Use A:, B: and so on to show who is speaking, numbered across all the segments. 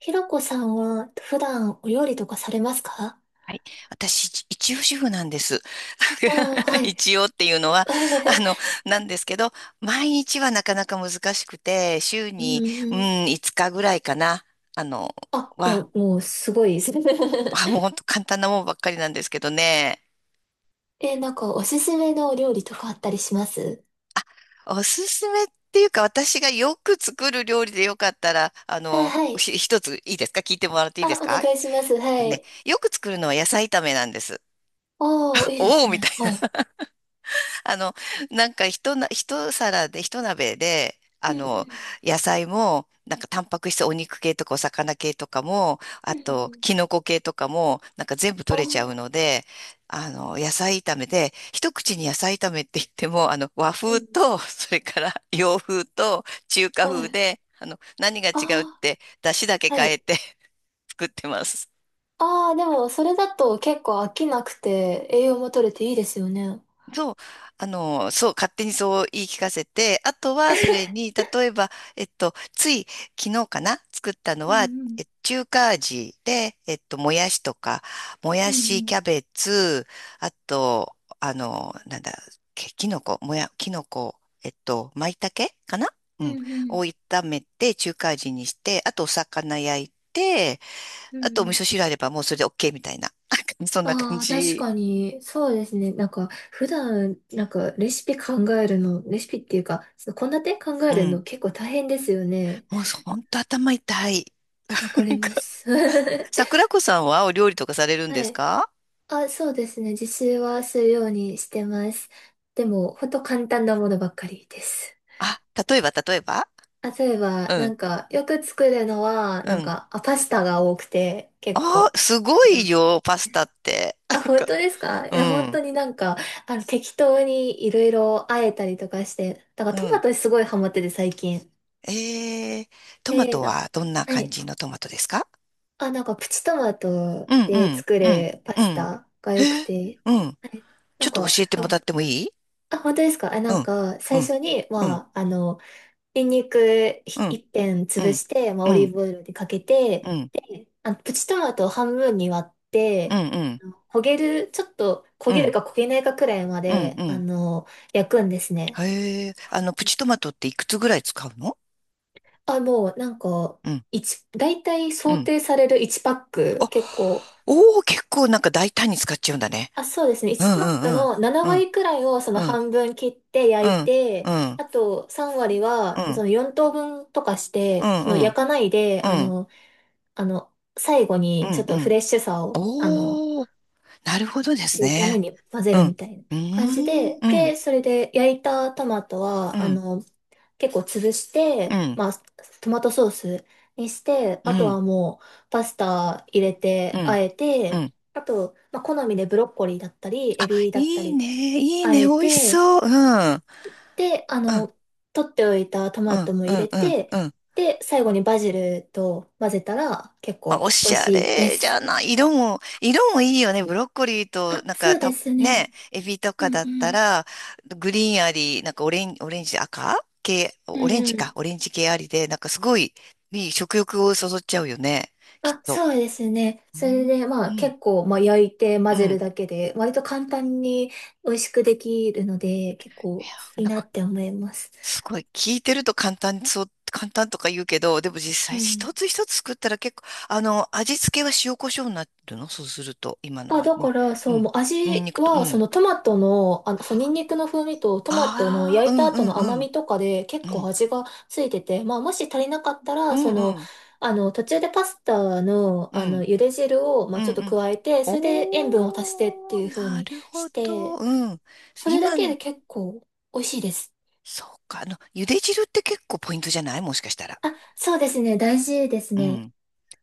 A: ひろこさんは普段お料理とかされますか？
B: はい。私、一応主婦なんです。
A: あー、は い。
B: 一応っていうのは、あの、なんですけど、毎日はなかなか難しくて、週
A: う
B: に、う
A: んうん。
B: ん、5日ぐらいかな。あの、
A: あ、いや、
B: は、
A: もうすごいです。
B: はもう本当簡単なもんばっかりなんですけどね。
A: え、なんかおすすめのお料理とかあったりします？
B: おすすめっていうか、私がよく作る料理でよかったら、
A: あ、はい。
B: 一ついいですか？聞いてもらっていいで
A: あ、
B: す
A: お願
B: か？
A: いします。はい。
B: よく作るのは野菜炒めなんです。
A: ああ、いいで
B: お
A: す
B: おみたい
A: ね。はい。
B: な。 あの、なんか一皿で、一鍋で、
A: うんうん。
B: 野菜も、なんかタンパク質、お肉系とかお魚系とかも、あ
A: うん
B: と、
A: うん。
B: キノコ系とかも、なんか全部
A: あ
B: 取れちゃう
A: あ、
B: ので、野菜炒めで、一口に野菜炒めって言っても、和
A: う
B: 風
A: ん。
B: と、それから洋風と中華
A: は
B: 風
A: い。
B: で、何が違うっ
A: あ
B: て、出汁だけ
A: あ、は
B: 変え
A: い。
B: て 作ってます。
A: ああ、でもそれだと結構飽きなくて栄養も取れていいですよね。
B: そう、そう、勝手にそう言い聞かせて、あとはそれ に、例えば、つい昨日かな、作ったの
A: う
B: は、
A: んうん。
B: 中華味で、もやしとか、も
A: う
B: や
A: んう
B: し、
A: ん。
B: キャベツ、あと、あの、なんだ、ききのこ、もや、きのこ、まいたけかな。
A: う
B: うん。
A: んうん。
B: を炒めて、中華味にして、あとお魚焼いて、
A: うんう
B: あとお味
A: ん。
B: 噌汁あればもうそれで OK みたいな。そんな感
A: ああ、確
B: じ。
A: かに、そうですね。なんか、普段、なんか、レシピ考えるの、レシピっていうか、その献立考え
B: う
A: る
B: ん。
A: の結構大変ですよね。
B: もう本当頭痛い。
A: わか
B: な
A: り
B: んか、
A: ます。
B: 桜子さんはお料理とかされるんで
A: は
B: す
A: い。
B: か？
A: あ、そうですね。自炊はするようにしてます。でも、ほんと簡単なものばっかりです。
B: あ、例えば、例えば？
A: 例え
B: う
A: ば、な
B: ん、
A: んか、よく作るのは、
B: う
A: なん
B: ん。
A: か、あ、パスタが多くて、結
B: あ
A: 構。
B: あ、すごいよ、パスタって。
A: あ、
B: なん
A: 本当
B: か、
A: ですか？い
B: う
A: や、本
B: ん、
A: 当になんか、適当にいろいろあえたりとかして、だから
B: う
A: トマ
B: ん。
A: トすごいハマってて最近。
B: えー、トマ
A: で、
B: ト
A: な、
B: はどんな
A: は
B: 感
A: い。
B: じのトマトですか？
A: あ、なんかプチトマト
B: うん、う
A: で
B: ん、
A: 作
B: うん、
A: るパ
B: う
A: ス
B: ん。
A: タが
B: へ
A: 良く
B: え、
A: て、
B: うん。
A: はい。な
B: ちょ
A: ん
B: っと教
A: か、
B: えてもらってもいい？
A: あ、本当ですか？あ、
B: う
A: なん
B: ん、
A: か、
B: う
A: 最
B: ん、
A: 初に、
B: うん、
A: まあ、ニンニク
B: うん、
A: 一片
B: う
A: 潰
B: ん、
A: して、まあ、
B: う
A: オ
B: ん、う
A: リー
B: ん、
A: ブオイルでかけて、
B: うん、
A: で、プチトマトを半分に割っ
B: う
A: て、
B: ん、
A: 焦げる、ちょっと焦
B: う
A: げる
B: ん、
A: か焦げないかくらいま
B: うん、
A: で、
B: うん。
A: 焼くんですね。
B: へえ、プチトマトっていくつぐらい使うの？
A: あ、もうなんか、
B: うん、
A: 大体
B: う
A: 想
B: ん。
A: 定される1パック、
B: あ、
A: 結構、
B: おお、結構なんか大胆に使っちゃうんだね。
A: あ、そうですね。
B: う
A: 1パッ
B: んう
A: ク
B: んうん。
A: の7
B: うん
A: 割くらいをその
B: うん
A: 半分切って
B: う
A: 焼い
B: んう
A: て、
B: ん
A: あと3割
B: う
A: は
B: ん
A: その4等分とかし
B: う
A: て、
B: ん
A: その
B: う
A: 焼
B: ん
A: かないで、
B: うん
A: あの、最後
B: う
A: にち
B: ん
A: ょっ
B: う
A: とフ
B: ん。
A: レッシュさを、
B: おお、なるほどです
A: 入れるため
B: ね。
A: に混ぜ
B: う
A: る
B: ん。う
A: みたいな
B: ー
A: 感じ
B: ん
A: で、
B: うん
A: で、それで焼いたトマト
B: う
A: は、
B: ん
A: 結構潰し
B: う
A: て、
B: ん
A: まあ、トマトソースにして、
B: う
A: あと
B: ん
A: はもうパスタ入れ
B: う
A: て、あ
B: ん
A: え
B: う
A: て、
B: ん。
A: あと、まあ、好みでブロッコリーだったり、エビだった
B: いい
A: り、
B: ね、いい
A: あ
B: ね、
A: え
B: 美味し
A: て、
B: そう。うんうん
A: で、取っておいたト
B: う
A: マ
B: ん
A: トも
B: う
A: 入
B: ん
A: れ
B: うんう
A: て、
B: ん。
A: で、最後にバジルと混ぜたら結
B: あ、
A: 構
B: お
A: 美
B: し
A: 味
B: ゃ
A: しいで
B: れじ
A: す。
B: ゃない。色も、色もいいよね。ブロッコリーと、
A: あ、
B: なんか
A: そうですね。
B: ね、エビとか
A: うん
B: だっ
A: う
B: た
A: ん。
B: ら、グリーンあり、なんかオレンジ、赤系、
A: う
B: オレン
A: ん
B: ジ
A: う
B: か、
A: ん。
B: オレンジ系ありで、なんかすごい、いい食欲をそそっちゃうよね。きっ
A: あ、
B: と。
A: そうですね。
B: う
A: それ
B: ん。
A: で、ま
B: う
A: あ
B: ん、
A: 結構、まあ焼いて
B: う
A: 混ぜ
B: ん。
A: る
B: い
A: だけで、割と簡単に美味しくできるので、結構
B: や、
A: いい
B: なん
A: な
B: か、
A: って思います。
B: すごい、聞いてると簡単そう、簡単とか言うけど、でも実
A: う
B: 際
A: ん。
B: 一つ一つ作ったら結構、味付けは塩コショウになってるの？そうすると、今の
A: あ、
B: は
A: だ
B: ね。
A: から、
B: う
A: そう、
B: ん。
A: もう
B: ニン
A: 味
B: ニクと、う
A: は、そ
B: ん。
A: のトマトの、そう、ニンニクの風味とトマトの
B: ああ、う
A: 焼いた
B: んう
A: 後
B: ん
A: の
B: う
A: 甘
B: ん。
A: みとかで
B: う
A: 結構
B: ん。
A: 味がついてて、まあもし足りなかった
B: う
A: ら、
B: ん
A: そ
B: う
A: の、
B: ん
A: 途中でパスタの、
B: うん。
A: 茹で汁を、ま
B: う
A: あちょ
B: ん
A: っと
B: うん。
A: 加えて、それで塩分を足してって
B: お
A: いう
B: ー、
A: 風
B: な
A: に
B: るほ
A: し
B: ど。
A: て、
B: うん。
A: それだ
B: 今
A: け
B: の、
A: で結構美味しいです。
B: そうか。茹で汁って結構ポイントじゃない？もしかしたら。
A: あ、そうですね。大事です
B: う
A: ね。
B: ん。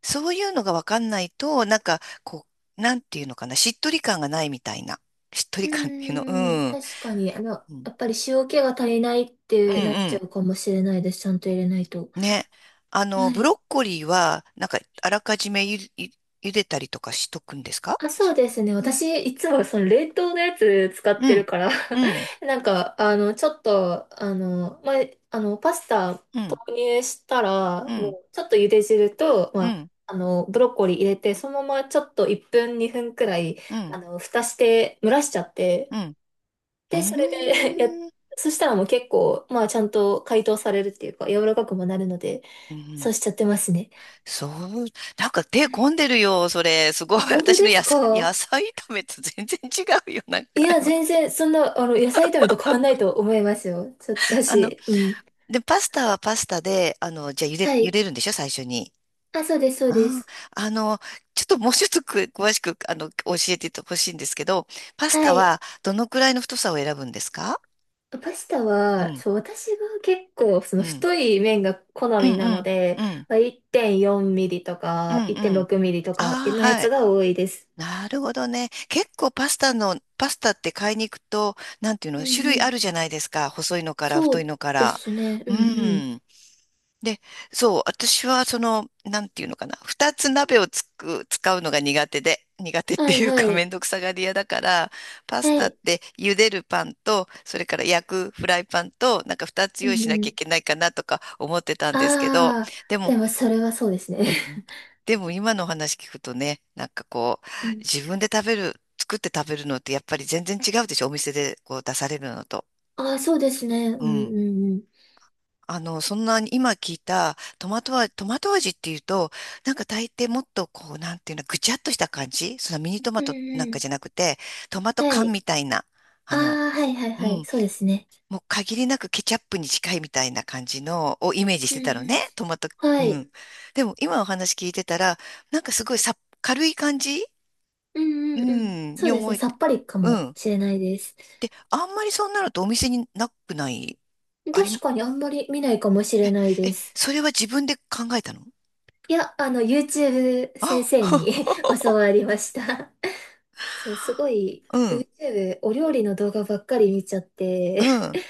B: そういうのがわかんないと、なんか、こう、なんていうのかな。しっとり感がないみたいな。しっと
A: う
B: り感っていうの。う
A: ーん、
B: ん。
A: 確かに、
B: うん。
A: やっぱり塩気が足りないっ
B: う
A: て
B: ん
A: なっちゃ
B: う
A: うかもしれないです。ちゃんと入れないと。
B: ん。ね。
A: は
B: ブロ
A: い。
B: ッコリーは、なんか、あらかじめ茹でたりとかしとくんですか？
A: あ、そうですね。
B: うん。
A: 私、いつもその冷凍のやつ使っ
B: う
A: てる
B: ん。
A: から
B: うん。
A: なんか、あの、ちょっと、あの、まあ、あの、パスタ
B: う
A: 投
B: ん、
A: 入したら、
B: うん、
A: もう、ちょっと茹で汁と、
B: う
A: まあ、
B: ん、
A: ブロッコリー入れて、そのままちょっと1分、2分くらい、
B: うん、
A: 蓋して、蒸らしちゃっ
B: う
A: て、
B: ん、う
A: で、
B: ん、
A: それで
B: うーん、
A: そしたらもう結構、まあ、ちゃんと解凍されるっていうか、柔らかくもなるので、
B: う
A: そ
B: ん、
A: うしちゃってますね。
B: そう、なんか手
A: は
B: 込ん
A: い。
B: でるよ、それ。すごい。
A: あ、本当
B: 私
A: で
B: の
A: す
B: 野菜、野
A: か？
B: 菜炒めと全然違うよ、なん
A: い
B: か
A: や、
B: 今。
A: 全然、そんな、野菜炒めと変わんないと思いますよ。だ
B: あの、
A: し、うん。
B: で、パスタはパスタで、じゃあ
A: は
B: 茹
A: い。
B: でるんでしょ？最初に。
A: あ、そうです、そうで
B: あー、
A: す。
B: あの、ちょっともうちょっと詳しく、教えてほしいんですけど、パス
A: は
B: タ
A: い。
B: はどのくらいの太さを選ぶんですか？
A: パスタ
B: う
A: は、
B: ん、
A: そう、私が結構、その
B: うん、
A: 太い麺が好
B: うん、
A: みな
B: う
A: の
B: ん、
A: で、
B: うん、
A: まあ、1.4ミリと
B: うん、う
A: か、
B: ん。
A: 1.6ミリとか
B: ああ、
A: のや
B: は
A: つ
B: い。
A: が多いです。
B: なるほどね。結構パスタって買いに行くと、なんていう
A: う
B: の、種
A: んう
B: 類あ
A: ん。
B: るじゃないですか。細いのから
A: そ
B: 太い
A: う
B: のか
A: で
B: ら。
A: すね。う
B: う
A: んうん。
B: ん。で、そう、私はその、なんていうのかな。二つ鍋を使うのが苦手で、苦手って
A: はい
B: いう
A: は
B: かめ
A: い。
B: んどくさがり屋だから、パス
A: は
B: タっ
A: い。
B: て茹でるパンと、それから焼くフライパンと、なんか二つ
A: うん
B: 用意しな
A: う
B: きゃ
A: ん。
B: いけないかなとか思ってたんですけど、
A: ああ、
B: でも、
A: でもそれはそうですね。
B: うん、でも今のお話聞くとね、なんかこう、
A: うん。
B: 自分で食べる、作って食べるのってやっぱり全然違うでしょ、お店でこう出されるのと。
A: ああ、そうですね。う
B: う
A: んう
B: ん。
A: んうん。
B: そんなに今聞いたトマト味、トマト味っていうと、なんか大抵もっとこう、なんていうの、ぐちゃっとした感じ、そのミニトマ
A: うん
B: トなん
A: う
B: かじゃ
A: ん。
B: なくて、トマト
A: は
B: 缶
A: い。
B: みたいな、あ
A: あ
B: の、
A: あ、はいはい
B: う
A: はい。
B: ん、
A: そうですね。
B: もう限りなくケチャップに近いみたいな感じのをイメージし
A: うん
B: てたの
A: うん。
B: ね、トマト。う
A: はい。
B: ん。でも今お話聞いてたら、なんかすごい、さ軽い感じ、
A: う
B: う
A: んうんうん。
B: ん、
A: そ
B: に
A: うです
B: 思
A: ね。
B: え
A: さ
B: て。
A: っぱりか
B: う
A: も
B: ん。
A: しれないです。
B: で、あんまりそうなるとお店になくない？あ
A: 確
B: り、
A: かにあんまり見ないかもしれない
B: え、
A: です。
B: それは自分で考えたの？
A: いや、YouTube 先
B: あ、
A: 生に 教 わりました。そう、すごい、
B: うん、
A: YouTube お料理の動画ばっかり見ちゃっ
B: う
A: て、
B: ん、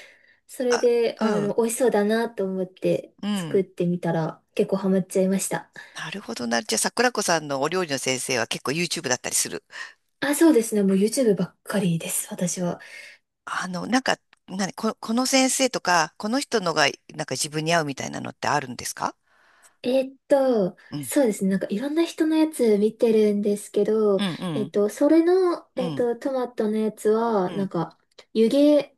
A: それ
B: あ、
A: で、
B: うん、
A: 美味しそうだなと思って
B: う
A: 作
B: ん。
A: ってみたら結構ハマっちゃいました。
B: なるほどな。じゃあ、桜子さんのお料理の先生は結構 YouTube だったりする？
A: あ、そうですね。もう YouTube ばっかりです、私は。
B: なんか、この先生とか、この人のが、なんか自分に合うみたいなのってあるんですか？うん、
A: そうですね。なんかいろんな人のやつ見てるんですけ
B: う
A: ど、
B: ん、う
A: えーっ
B: ん、
A: と、それの、
B: う
A: えーっ
B: ん、
A: と、トマトのやつは、
B: う
A: なん
B: ん。
A: か、湯気、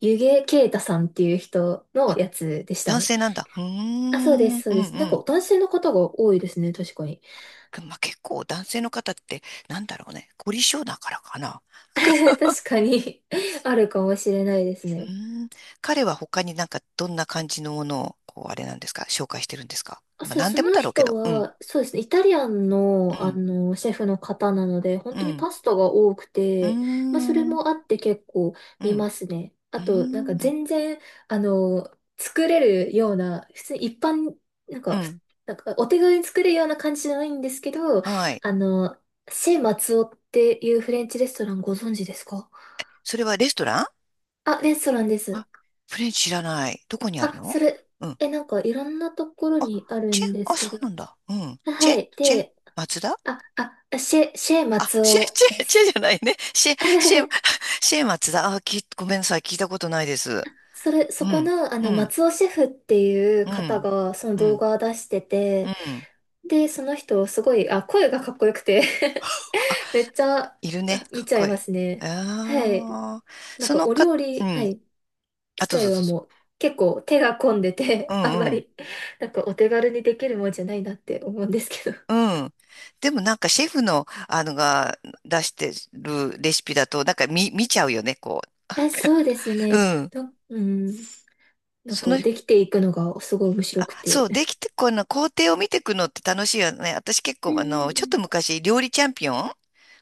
A: 湯気啓太さんっていう人の
B: あ、
A: やつでした
B: 男
A: ね。
B: 性なんだ。うー
A: あ、そう
B: ん、
A: で
B: う
A: す、
B: ん、
A: そ
B: う
A: うです。なんか
B: ん。
A: 男性の方が多いですね、確かに。
B: まあ、結構男性の方って、なんだろうね、凝り性だからかな。
A: 確 かに あるかもしれないです
B: う
A: ね。
B: ーん、彼は他になんかどんな感じのものを、こう、あれなんですか、紹介してるんですか。
A: あ、
B: まあ、
A: そうです。
B: 何
A: そ
B: でも
A: の
B: だろうけ
A: 人
B: ど、うん、
A: は、そうですね、イタリアンの、
B: うん、
A: シェフの方なので、本
B: う
A: 当に
B: ん、
A: パスタが多く
B: うー
A: て、まあ、それ
B: ん、
A: もあって結構
B: う
A: 見
B: ん、
A: ますね。
B: う
A: あ
B: ー
A: と、なんか
B: ん、うん、
A: 全然、あの、作れるような、普通に一般、なん
B: う
A: か、ふ
B: ん、
A: なんかお手軽に作れるような感じじゃないんですけど、
B: はい。
A: あの、シェ・マツオっていうフレンチレストランご存知ですか？
B: それはレストラン？
A: あ、レストランです。
B: あ、フレンチ知らない。どこにある
A: あ、
B: の？
A: それ、
B: うん。
A: え、なんかいろんなところ
B: あ、
A: にある
B: チェ、
A: んです
B: あ、そ
A: けど、
B: うなんだ。うん。チ
A: は
B: ェ、
A: い。
B: チェ、
A: で、
B: 松田。
A: あ、あ、シェ、シェ
B: あ、
A: 松
B: シェ、
A: 尾
B: チ
A: で
B: ェ、チェ
A: す。
B: じゃないね。シェ、シェ、シェ松だ。あ、ごめんなさい。聞いたことないです。
A: それ、
B: う
A: そこ
B: ん、
A: の、
B: うん、
A: 松尾シェフっていう
B: う
A: 方
B: ん、
A: が、その
B: う
A: 動
B: ん、
A: 画を出して
B: う
A: て、
B: ん。
A: で、その人、すごい、あ、声がかっこよくて
B: あ、
A: めっちゃ、
B: いるね。
A: 見
B: かっ
A: ちゃ
B: こ
A: い
B: いい。
A: ますね。はい。
B: ああ、
A: なん
B: そ
A: か、
B: の
A: お
B: か、
A: 料
B: う
A: 理、は
B: ん。
A: い、
B: あ、
A: 自
B: どうぞど
A: 体は
B: うぞ。
A: もう、結構手が込んで
B: う
A: て あん
B: ん
A: ま
B: うん。
A: り、なんか、お手軽にできるもんじゃないなって思うんですけど。
B: うん。でもなんかシェフの、あのが出してるレシピだと、なんか見ちゃうよね、こう。
A: え、そうです
B: う
A: ね。
B: ん。
A: うん。なん
B: そ
A: か、
B: の、
A: できていくのが、すごい面白
B: あ、
A: く
B: そ
A: て。
B: う、できて、この工程を見ていくのって楽しいよね。私結
A: うん
B: 構、
A: うんう
B: ちょっ
A: ん。
B: と昔、料理チャンピオン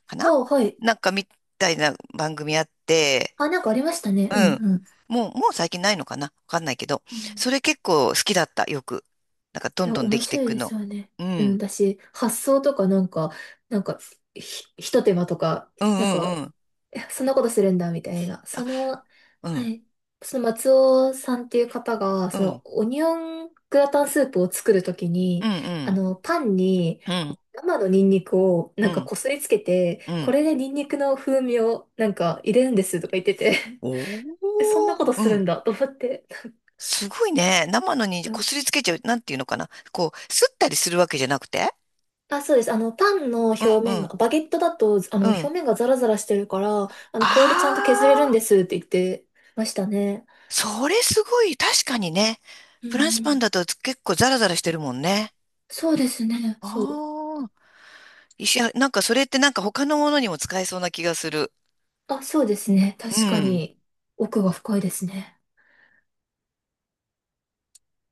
B: かな、
A: はい、はい。
B: なんかみたいな番組あって、
A: あ、なんかありましたね。
B: う
A: うん
B: ん。
A: うん。
B: もう、もう最近ないのかな、わかんないけど。
A: うん。
B: それ結構好きだった、よく。なんかど
A: い
B: ん
A: や、
B: どんで
A: 面
B: きてい
A: 白い
B: く
A: です
B: の。
A: よね。
B: う
A: うん、
B: ん。
A: 私、発想とかなんか、なんか、ひ、ひと手間とか、
B: う
A: なん
B: んう
A: か、
B: んうん。
A: えそんなことするんだ、みたいな。
B: あ、
A: その、
B: う
A: は
B: ん。
A: い。その松尾さんっていう方が、
B: う
A: その、
B: ん。
A: オニオングラタンスープを作るとき
B: う
A: に、
B: んうん。
A: パンに
B: うん。
A: 生のニンニクを
B: う
A: なんか
B: ん。
A: こすりつけて、
B: う
A: こ
B: ん。
A: れでニンニクの風味をなんか入れるんですとか言ってて、
B: お
A: えそんなこ
B: ー。
A: と
B: う
A: す
B: ん。
A: るんだと思って。
B: すごいね。生のに
A: う
B: こ
A: ん。
B: すりつけちゃう。なんていうのかな、こう、すったりするわけじゃなくて。
A: あ、そうです。パンの表
B: う
A: 面が、
B: ん。
A: バゲットだと、
B: うん。
A: 表面がザラザラしてるから、これでちゃんと削れるん
B: あ
A: で
B: あ。
A: すって言ってましたね。
B: それすごい、確かにね。
A: う
B: フランスパン
A: ん、
B: だと結構ザラザラしてるもんね。
A: そうですね。そう。
B: ああ、なんかそれってなんか他のものにも使えそうな気がする。
A: あ、そうですね。
B: う
A: 確か
B: ん。
A: に、奥が深いですね。